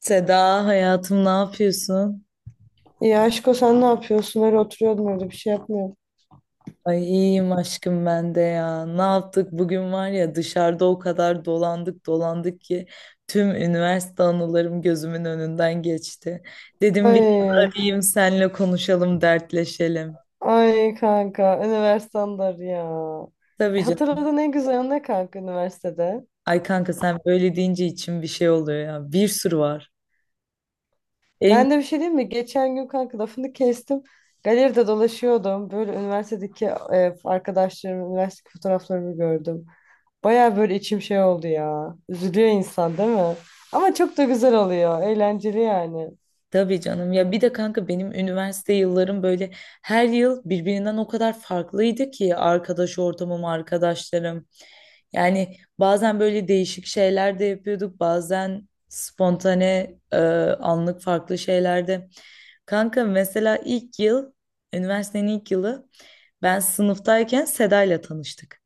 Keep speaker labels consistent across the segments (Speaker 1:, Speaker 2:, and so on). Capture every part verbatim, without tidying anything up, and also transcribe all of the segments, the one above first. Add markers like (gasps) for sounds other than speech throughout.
Speaker 1: Seda hayatım ne yapıyorsun?
Speaker 2: Ya aşko sen ne yapıyorsun? Öyle oturuyordum öyle bir şey yapmıyorum.
Speaker 1: Ay iyiyim aşkım ben de ya. Ne yaptık bugün var ya dışarıda o kadar dolandık dolandık ki tüm üniversite anılarım gözümün önünden geçti. Dedim biraz
Speaker 2: Ay,
Speaker 1: arayayım senle konuşalım dertleşelim.
Speaker 2: ay kanka üniversitedir ya. E,
Speaker 1: Tabii canım.
Speaker 2: Hatırladığın en güzel an ne kanka üniversitede?
Speaker 1: Ay kanka sen böyle deyince içim bir şey oluyor ya. Bir sürü var. En
Speaker 2: Ben de bir şey diyeyim mi? Geçen gün kanka lafını kestim. Galeride dolaşıyordum. Böyle üniversitedeki e, arkadaşlarımın üniversite fotoğraflarını gördüm. Baya böyle içim şey oldu ya. Üzülüyor insan değil mi? Ama çok da güzel oluyor. Eğlenceli yani.
Speaker 1: tabii canım ya bir de kanka benim üniversite yıllarım böyle her yıl birbirinden o kadar farklıydı ki arkadaş ortamım, arkadaşlarım. Yani bazen böyle değişik şeyler de yapıyorduk, bazen spontane e, anlık farklı şeyler de. Kanka mesela ilk yıl, üniversitenin ilk yılı ben sınıftayken Seda ile tanıştık.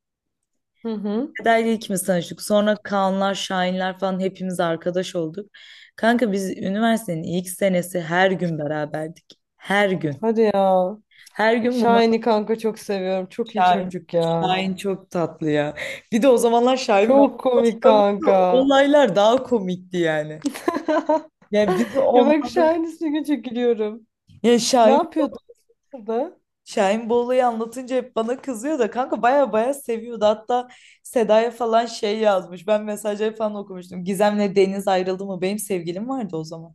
Speaker 2: Hı hı.
Speaker 1: Feda'yla ikimiz tanıştık. Sonra Kaanlar, Şahinler falan hepimiz arkadaş olduk. Kanka biz üniversitenin ilk senesi her gün beraberdik. Her gün.
Speaker 2: Hadi ya.
Speaker 1: Her gün bunlar
Speaker 2: Şahin'i kanka çok seviyorum. Çok iyi
Speaker 1: Şahin.
Speaker 2: çocuk ya.
Speaker 1: Şahin çok tatlı ya. Bir de o zamanlar Şahin ben
Speaker 2: Çok komik
Speaker 1: tanıyordu.
Speaker 2: kanka.
Speaker 1: Olaylar daha komikti yani.
Speaker 2: (laughs)
Speaker 1: Yani bizi
Speaker 2: Ya bak şu
Speaker 1: onları
Speaker 2: an ismini çok gülüyorum.
Speaker 1: ya
Speaker 2: Ne
Speaker 1: Şahin
Speaker 2: yapıyordu orada?
Speaker 1: Şahin bu olayı anlatınca hep bana kızıyor da kanka baya baya seviyordu. Hatta Seda'ya falan şey yazmış. Ben mesajları falan okumuştum. Gizem'le Deniz ayrıldı mı? Benim sevgilim vardı o zaman.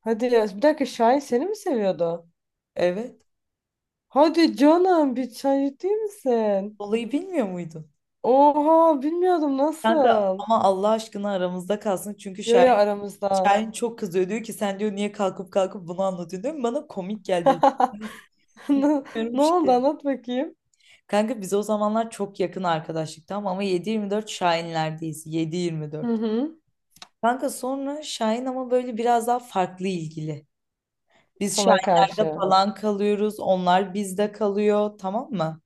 Speaker 2: Hadi ya bir dakika Şahin seni mi seviyordu?
Speaker 1: Evet.
Speaker 2: Hadi canım bir çay ciddi misin?
Speaker 1: Olayı bilmiyor muydun?
Speaker 2: Oha bilmiyordum
Speaker 1: Kanka
Speaker 2: nasıl?
Speaker 1: ama Allah aşkına aramızda kalsın. Çünkü
Speaker 2: Yo yo
Speaker 1: Şahin,
Speaker 2: aramızda.
Speaker 1: Şahin çok kızıyor. Diyor ki sen diyor niye kalkıp kalkıp bunu anlatıyorsun diyor. Bana komik geldi.
Speaker 2: (laughs) Ne,
Speaker 1: Bilmiyorum
Speaker 2: ne oldu
Speaker 1: şey.
Speaker 2: anlat bakayım.
Speaker 1: Kanka biz o zamanlar çok yakın arkadaşlık tamam ama yedi yirmi dört Şahinlerdeyiz.
Speaker 2: Hı
Speaker 1: yedi yirmi dört.
Speaker 2: hı.
Speaker 1: Kanka sonra Şahin ama böyle biraz daha farklı ilgili. Biz
Speaker 2: Sana
Speaker 1: Şahinlerde
Speaker 2: karşı.
Speaker 1: falan kalıyoruz. Onlar bizde kalıyor tamam mı?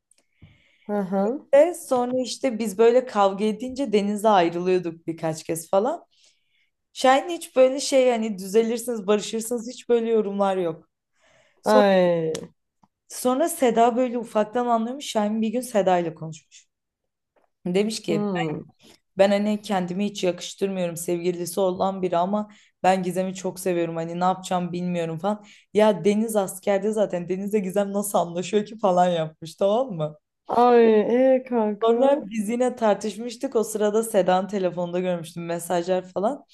Speaker 2: Hı hı.
Speaker 1: Ve sonra işte biz böyle kavga edince denize ayrılıyorduk birkaç kez falan. Şahin hiç böyle şey hani düzelirsiniz, barışırsınız hiç böyle yorumlar yok. Sonra,
Speaker 2: Ay.
Speaker 1: sonra Seda böyle ufaktan anlıyormuş. Şahin bir gün Seda ile konuşmuş. Demiş ki
Speaker 2: Hı.
Speaker 1: ben hani kendimi hiç yakıştırmıyorum sevgilisi olan biri ama ben Gizem'i çok seviyorum. Hani ne yapacağım bilmiyorum falan. Ya Deniz askerde zaten Deniz'le Gizem nasıl anlaşıyor ki falan yapmış tamam mı?
Speaker 2: Ay e kanka.
Speaker 1: Sonra biz yine tartışmıştık. O sırada Sedan telefonda görmüştüm mesajlar falan.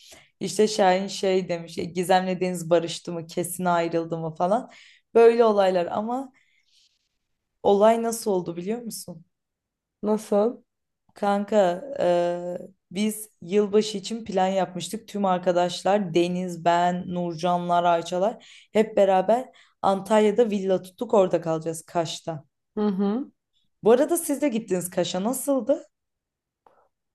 Speaker 1: İşte Şahin şey demiş, "E, Gizem'le Deniz barıştı mı, kesin ayrıldı mı falan. Böyle olaylar ama olay nasıl oldu biliyor musun?
Speaker 2: Nasıl?
Speaker 1: Kanka e, biz yılbaşı için plan yapmıştık. Tüm arkadaşlar Deniz, ben, Nurcanlar, Ayçalar hep beraber Antalya'da villa tuttuk orada kalacağız Kaş'ta.
Speaker 2: Hı hı.
Speaker 1: Bu arada siz de gittiniz Kaş'a nasıldı?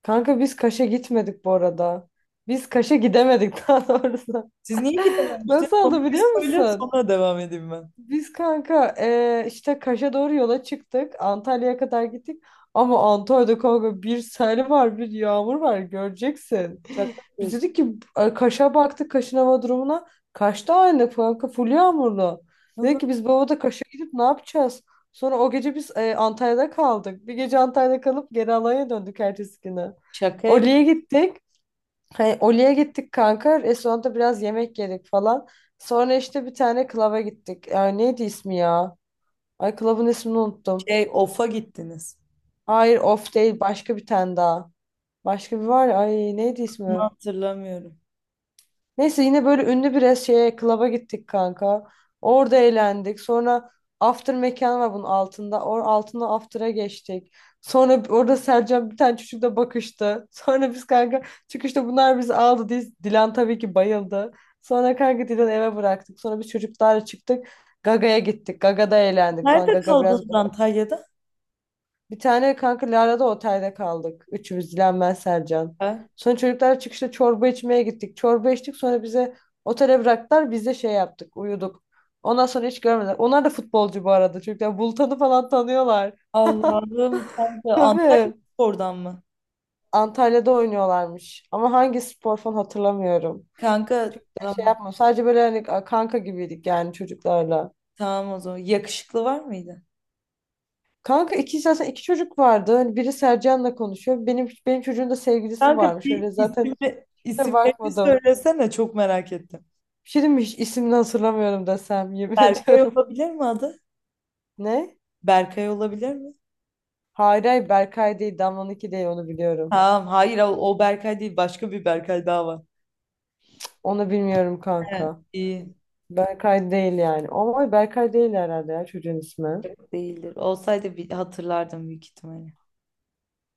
Speaker 2: Kanka biz Kaş'a gitmedik bu arada. Biz Kaş'a gidemedik (laughs) daha doğrusu.
Speaker 1: Siz niye ki
Speaker 2: (laughs)
Speaker 1: dememiştiniz?
Speaker 2: Nasıl
Speaker 1: Onu
Speaker 2: oldu
Speaker 1: bir
Speaker 2: biliyor
Speaker 1: söyle
Speaker 2: musun?
Speaker 1: sonra devam edeyim ben.
Speaker 2: Biz kanka eee, işte Kaş'a doğru yola çıktık. Antalya'ya kadar gittik. Ama Antalya'da kanka bir sel var, bir yağmur var. Göreceksin.
Speaker 1: Şaka
Speaker 2: Biz
Speaker 1: yapıyorsun.
Speaker 2: dedik ki e, Kaş'a baktık, Kaş'ın hava durumuna. Kaş'ta aynı kanka full yağmurlu.
Speaker 1: Onu
Speaker 2: Dedik ki biz bu havada Kaş'a gidip ne yapacağız? Sonra o gece biz e, Antalya'da kaldık. Bir gece Antalya'da kalıp geri Alanya'ya döndük ertesi günü.
Speaker 1: şaka yap-
Speaker 2: Oli'ye gittik. Hani Oli'ye gittik kanka. Restoranda biraz yemek yedik falan. Sonra işte bir tane klaba gittik. Ay neydi ismi ya? Ay klabın ismini unuttum.
Speaker 1: şey ofa gittiniz.
Speaker 2: Hayır off değil başka bir tane daha. Başka bir var ya. Ay neydi
Speaker 1: Bunu
Speaker 2: ismi?
Speaker 1: hatırlamıyorum.
Speaker 2: Neyse yine böyle ünlü bir res- şeye klaba gittik kanka. Orada eğlendik. Sonra after mekan var bunun altında. Or altında after'a geçtik. Sonra b- orada Sercan bir tane çocukla bakıştı. (laughs) Sonra biz kanka çıkışta bunlar bizi aldı. Diz, Dilan tabii ki bayıldı. Sonra kanka Dilan'ı eve bıraktık. Sonra biz çocuklarla çıktık. Gaga'ya gittik. Gaga'da eğlendik falan.
Speaker 1: Nerede
Speaker 2: Gaga biraz
Speaker 1: kaldınız Antalya'da?
Speaker 2: bir tane kanka Lara'da otelde kaldık. Üçümüz Dilan ben Sercan.
Speaker 1: Ha?
Speaker 2: Sonra çocuklar çıkışta çorba içmeye gittik. Çorba içtik sonra bize otele bıraktılar. Biz de şey yaptık uyuduk. Ondan sonra hiç görmediler. Onlar da futbolcu bu arada. Çocuklar Bultan'ı falan tanıyorlar. (laughs)
Speaker 1: Allah'ım kanka Antalya
Speaker 2: Tabii.
Speaker 1: oradan mı?
Speaker 2: Antalya'da oynuyorlarmış. Ama hangi spor falan hatırlamıyorum.
Speaker 1: Kanka
Speaker 2: Şey şey
Speaker 1: tamam,
Speaker 2: yapma. Sadece böyle hani kanka gibiydik yani çocuklarla.
Speaker 1: tamam o zaman. Yakışıklı var mıydı?
Speaker 2: Kanka iki zaten iki çocuk vardı. Hani biri Sercan'la konuşuyor. Benim benim çocuğun da sevgilisi
Speaker 1: Kanka
Speaker 2: varmış.
Speaker 1: bir
Speaker 2: Öyle zaten
Speaker 1: isimle,
Speaker 2: kusura
Speaker 1: isimlerini
Speaker 2: bakmadım.
Speaker 1: söylesene çok merak ettim.
Speaker 2: Bir şey diyeyim mi? Hiç ismini hatırlamıyorum desem yemin (laughs)
Speaker 1: Berkay
Speaker 2: ediyorum.
Speaker 1: olabilir mi adı?
Speaker 2: Ne?
Speaker 1: Berkay olabilir mi?
Speaker 2: Hayır hayır Berkay değil. Damla'nınki değil onu biliyorum.
Speaker 1: Tamam hayır o, o Berkay değil başka bir Berkay daha var.
Speaker 2: Onu bilmiyorum
Speaker 1: He,
Speaker 2: kanka.
Speaker 1: iyi.
Speaker 2: Berkay değil yani. Ama Berkay değil herhalde ya çocuğun ismi.
Speaker 1: Değildir. Olsaydı bir hatırlardım büyük ihtimalle.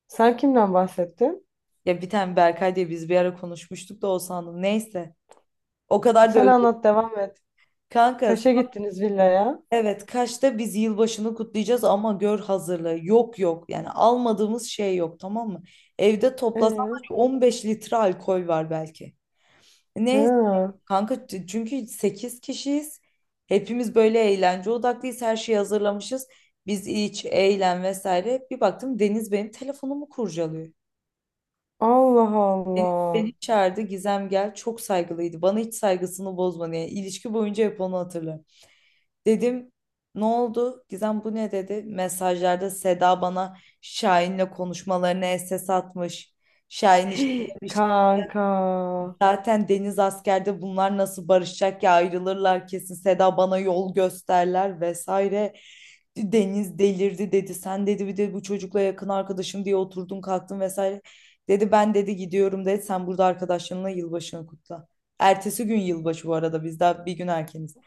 Speaker 2: Sen kimden bahsettin?
Speaker 1: Ya bir tane Berkay diye biz bir ara konuşmuştuk da o sandım. Neyse. O kadar da
Speaker 2: Sen
Speaker 1: özür.
Speaker 2: anlat devam et.
Speaker 1: Kanka
Speaker 2: Kaş'a gittiniz villaya.
Speaker 1: evet Kaş'ta biz yılbaşını kutlayacağız ama gör hazırlığı. Yok yok. Yani almadığımız şey yok tamam mı? Evde toplasan var
Speaker 2: Ee,
Speaker 1: ya 15 litre alkol var belki. Neyse
Speaker 2: ha.
Speaker 1: kanka t- çünkü sekiz kişiyiz. Hepimiz böyle eğlence odaklıyız. Her şeyi hazırlamışız. Biz iç, eğlen vesaire. Bir baktım Deniz benim telefonumu kurcalıyor.
Speaker 2: Allah
Speaker 1: Beni,
Speaker 2: Allah.
Speaker 1: beni çağırdı Gizem gel çok saygılıydı bana hiç saygısını bozma yani ilişki boyunca hep onu hatırlarım. Dedim ne oldu Gizem bu ne dedi mesajlarda Seda bana Şahin'le konuşmalarını S S atmış. Şahin işte
Speaker 2: (gasps)
Speaker 1: demiş
Speaker 2: Kanka.
Speaker 1: zaten Deniz askerde bunlar nasıl barışacak ya ayrılırlar kesin Seda bana yol gösterler vesaire. Deniz delirdi dedi sen dedi bir de bu çocukla yakın arkadaşım diye oturdun kalktın vesaire. Dedi ben dedi gidiyorum dedi sen burada arkadaşlarınla yılbaşını kutla. Ertesi gün yılbaşı bu arada biz daha bir gün erkeniz.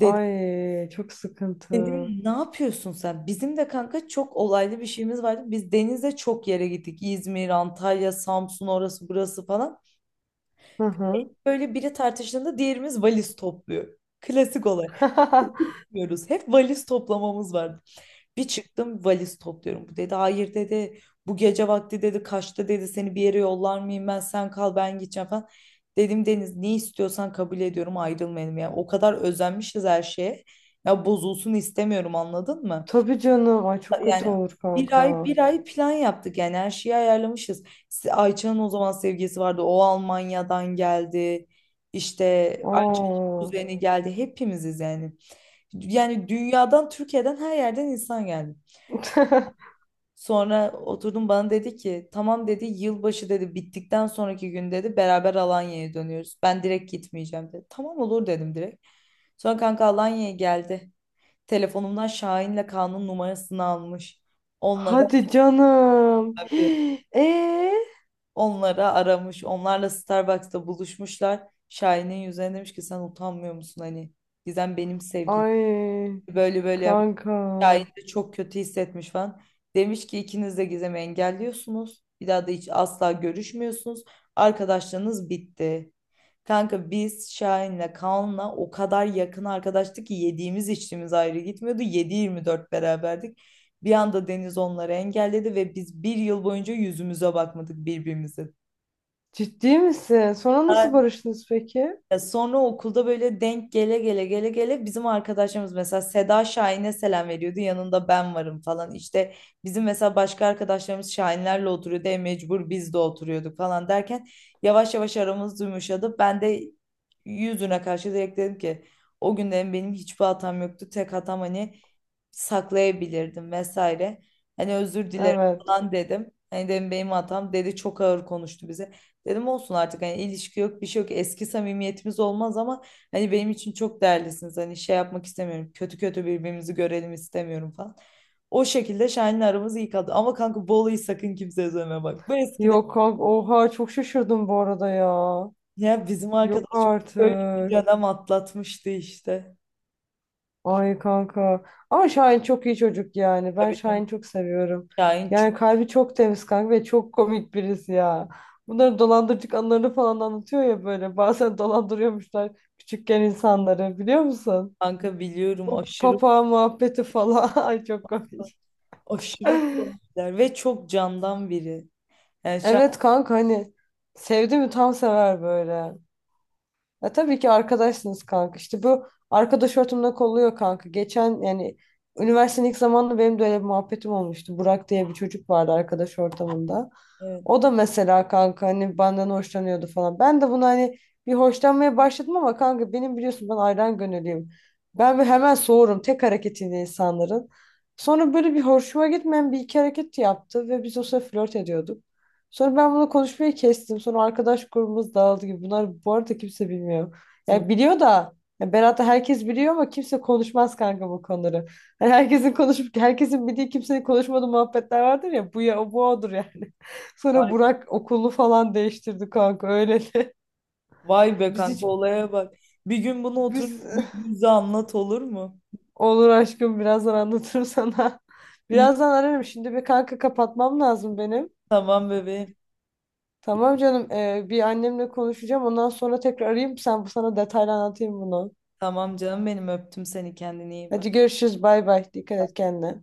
Speaker 1: Dedi,
Speaker 2: Ay çok sıkıntı.
Speaker 1: dedim ne yapıyorsun sen? Bizim de kanka çok olaylı bir şeyimiz vardı. Biz denize çok yere gittik. İzmir, Antalya, Samsun orası burası falan.
Speaker 2: Hı hı.
Speaker 1: Böyle biri tartıştığında diğerimiz valiz topluyor. Klasik olarak
Speaker 2: (laughs)
Speaker 1: yapıyoruz. Hep valiz toplamamız vardı. Bir çıktım valiz topluyorum. Bu dedi hayır dedi. Bu gece vakti dedi kaçta dedi seni bir yere yollar mıyım ben sen kal ben gideceğim falan. Dedim Deniz ne istiyorsan kabul ediyorum ayrılmayalım. Yani o kadar özenmişiz her şeye. Ya bozulsun istemiyorum anladın mı?
Speaker 2: Tabii canım. Ay çok
Speaker 1: Yani
Speaker 2: kötü olur
Speaker 1: bir ay
Speaker 2: kanka.
Speaker 1: bir ay plan yaptık yani her şeyi ayarlamışız. Se- Ayça'nın o zaman sevgilisi vardı. O Almanya'dan geldi. İşte Ayça'nın
Speaker 2: Aa.
Speaker 1: kuzeni geldi. Hepimiziz yani. Yani dünyadan, Türkiye'den her yerden insan geldi.
Speaker 2: (laughs)
Speaker 1: Sonra oturdum bana dedi ki tamam dedi yılbaşı dedi bittikten sonraki gün dedi beraber Alanya'ya dönüyoruz. Ben direkt gitmeyeceğim dedi. Tamam olur dedim direkt. Sonra kanka Alanya'ya geldi. Telefonumdan Şahin'le Kaan'ın numarasını almış. Onlara
Speaker 2: Hadi canım. (gasps) Ee?
Speaker 1: Onlara aramış. Onlarla Starbucks'ta buluşmuşlar. Şahin'in yüzüne demiş ki sen utanmıyor musun hani Gizem benim sevgilim.
Speaker 2: Ay
Speaker 1: Böyle böyle yapmış.
Speaker 2: kanka.
Speaker 1: Şahin de çok kötü hissetmiş falan. Demiş ki ikiniz de Gizem'i engelliyorsunuz. Bir daha da hiç asla görüşmüyorsunuz. Arkadaşlığınız bitti. Kanka biz Şahin'le Kaan'la o kadar yakın arkadaştık ki yediğimiz içtiğimiz ayrı gitmiyordu. Yedi yirmi dört beraberdik. Bir anda Deniz onları engelledi ve biz bir yıl boyunca yüzümüze bakmadık birbirimize.
Speaker 2: Ciddi misin? Sonra nasıl barıştınız peki?
Speaker 1: Ya sonra okulda böyle denk gele gele gele gele bizim arkadaşlarımız mesela Seda Şahin'e selam veriyordu yanında ben varım falan işte bizim mesela başka arkadaşlarımız Şahinlerle oturuyordu e mecbur biz de oturuyorduk falan derken yavaş yavaş aramız yumuşadı ben de yüzüne karşı direkt dedim ki o günden benim hiçbir hatam yoktu tek hatam hani saklayabilirdim vesaire hani özür dilerim
Speaker 2: Evet.
Speaker 1: falan dedim hani dedim benim hatam dedi çok ağır konuştu bize. Dedim olsun artık hani ilişki yok bir şey yok eski samimiyetimiz olmaz ama hani benim için çok değerlisiniz hani şey yapmak istemiyorum kötü kötü birbirimizi görelim istemiyorum falan. O şekilde Şahin'le aramız iyi kaldı ama kanka Bolu'yu sakın kimseye söyleme bak. Bu eskiden
Speaker 2: Yok kanka. Oha çok şaşırdım bu arada ya.
Speaker 1: ya bizim
Speaker 2: Yok
Speaker 1: arkadaşım böyle bir
Speaker 2: artık.
Speaker 1: dönem atlatmıştı işte.
Speaker 2: Ay kanka. Ama Şahin çok iyi çocuk yani. Ben
Speaker 1: Tabii canım,
Speaker 2: Şahin'i çok seviyorum.
Speaker 1: Şahin çok
Speaker 2: Yani kalbi çok temiz kanka ve çok komik birisi ya. Bunların dolandırıcılık anılarını falan anlatıyor ya böyle. (laughs) Bazen dolandırıyormuşlar küçükken insanları biliyor musun?
Speaker 1: kanka biliyorum
Speaker 2: Bu
Speaker 1: aşırı
Speaker 2: papa muhabbeti falan. (laughs) Ay çok komik.
Speaker 1: aşırı komikler ve çok candan biri. Yani Şahin
Speaker 2: Evet kanka hani sevdi mi tam sever böyle. Ya tabii ki arkadaşsınız kanka. İşte bu arkadaş ortamında kolluyor kanka. Geçen yani üniversitenin ilk zamanında benim de öyle bir muhabbetim olmuştu. Burak diye bir çocuk vardı arkadaş ortamında.
Speaker 1: evet.
Speaker 2: O da mesela kanka hani benden hoşlanıyordu falan. Ben de bunu hani bir hoşlanmaya başladım ama kanka benim biliyorsun ben ayran gönüllüyüm. Ben bir hemen soğurum tek hareketiyle insanların. Sonra böyle bir hoşuma gitmeyen bir iki hareket yaptı ve biz o sıra flört ediyorduk. Sonra ben bunu konuşmayı kestim. Sonra arkadaş grubumuz dağıldı gibi. Bunlar bu arada kimse bilmiyor. Yani biliyor da ya Berat'ı herkes biliyor ama kimse konuşmaz kanka bu konuları. Hani herkesin konuşup herkesin bildiği kimsenin konuşmadığı muhabbetler vardır ya bu ya bu odur yani. (laughs) Sonra Burak okulunu falan değiştirdi kanka öyle de.
Speaker 1: Vay
Speaker 2: (laughs)
Speaker 1: be
Speaker 2: Biz
Speaker 1: kanka
Speaker 2: hiç
Speaker 1: olaya bak. Bir gün bunu otur
Speaker 2: biz
Speaker 1: bize anlat olur mu?
Speaker 2: olur aşkım birazdan anlatırım sana. (laughs)
Speaker 1: İyi
Speaker 2: Birazdan ararım şimdi bir kanka kapatmam lazım benim.
Speaker 1: tamam bebeğim.
Speaker 2: Tamam canım. E, bir annemle konuşacağım. Ondan sonra tekrar arayayım. Sen sana detaylı anlatayım bunu.
Speaker 1: Tamam canım benim öptüm seni kendine iyi bak.
Speaker 2: Hadi görüşürüz. Bay bay. Dikkat et kendine.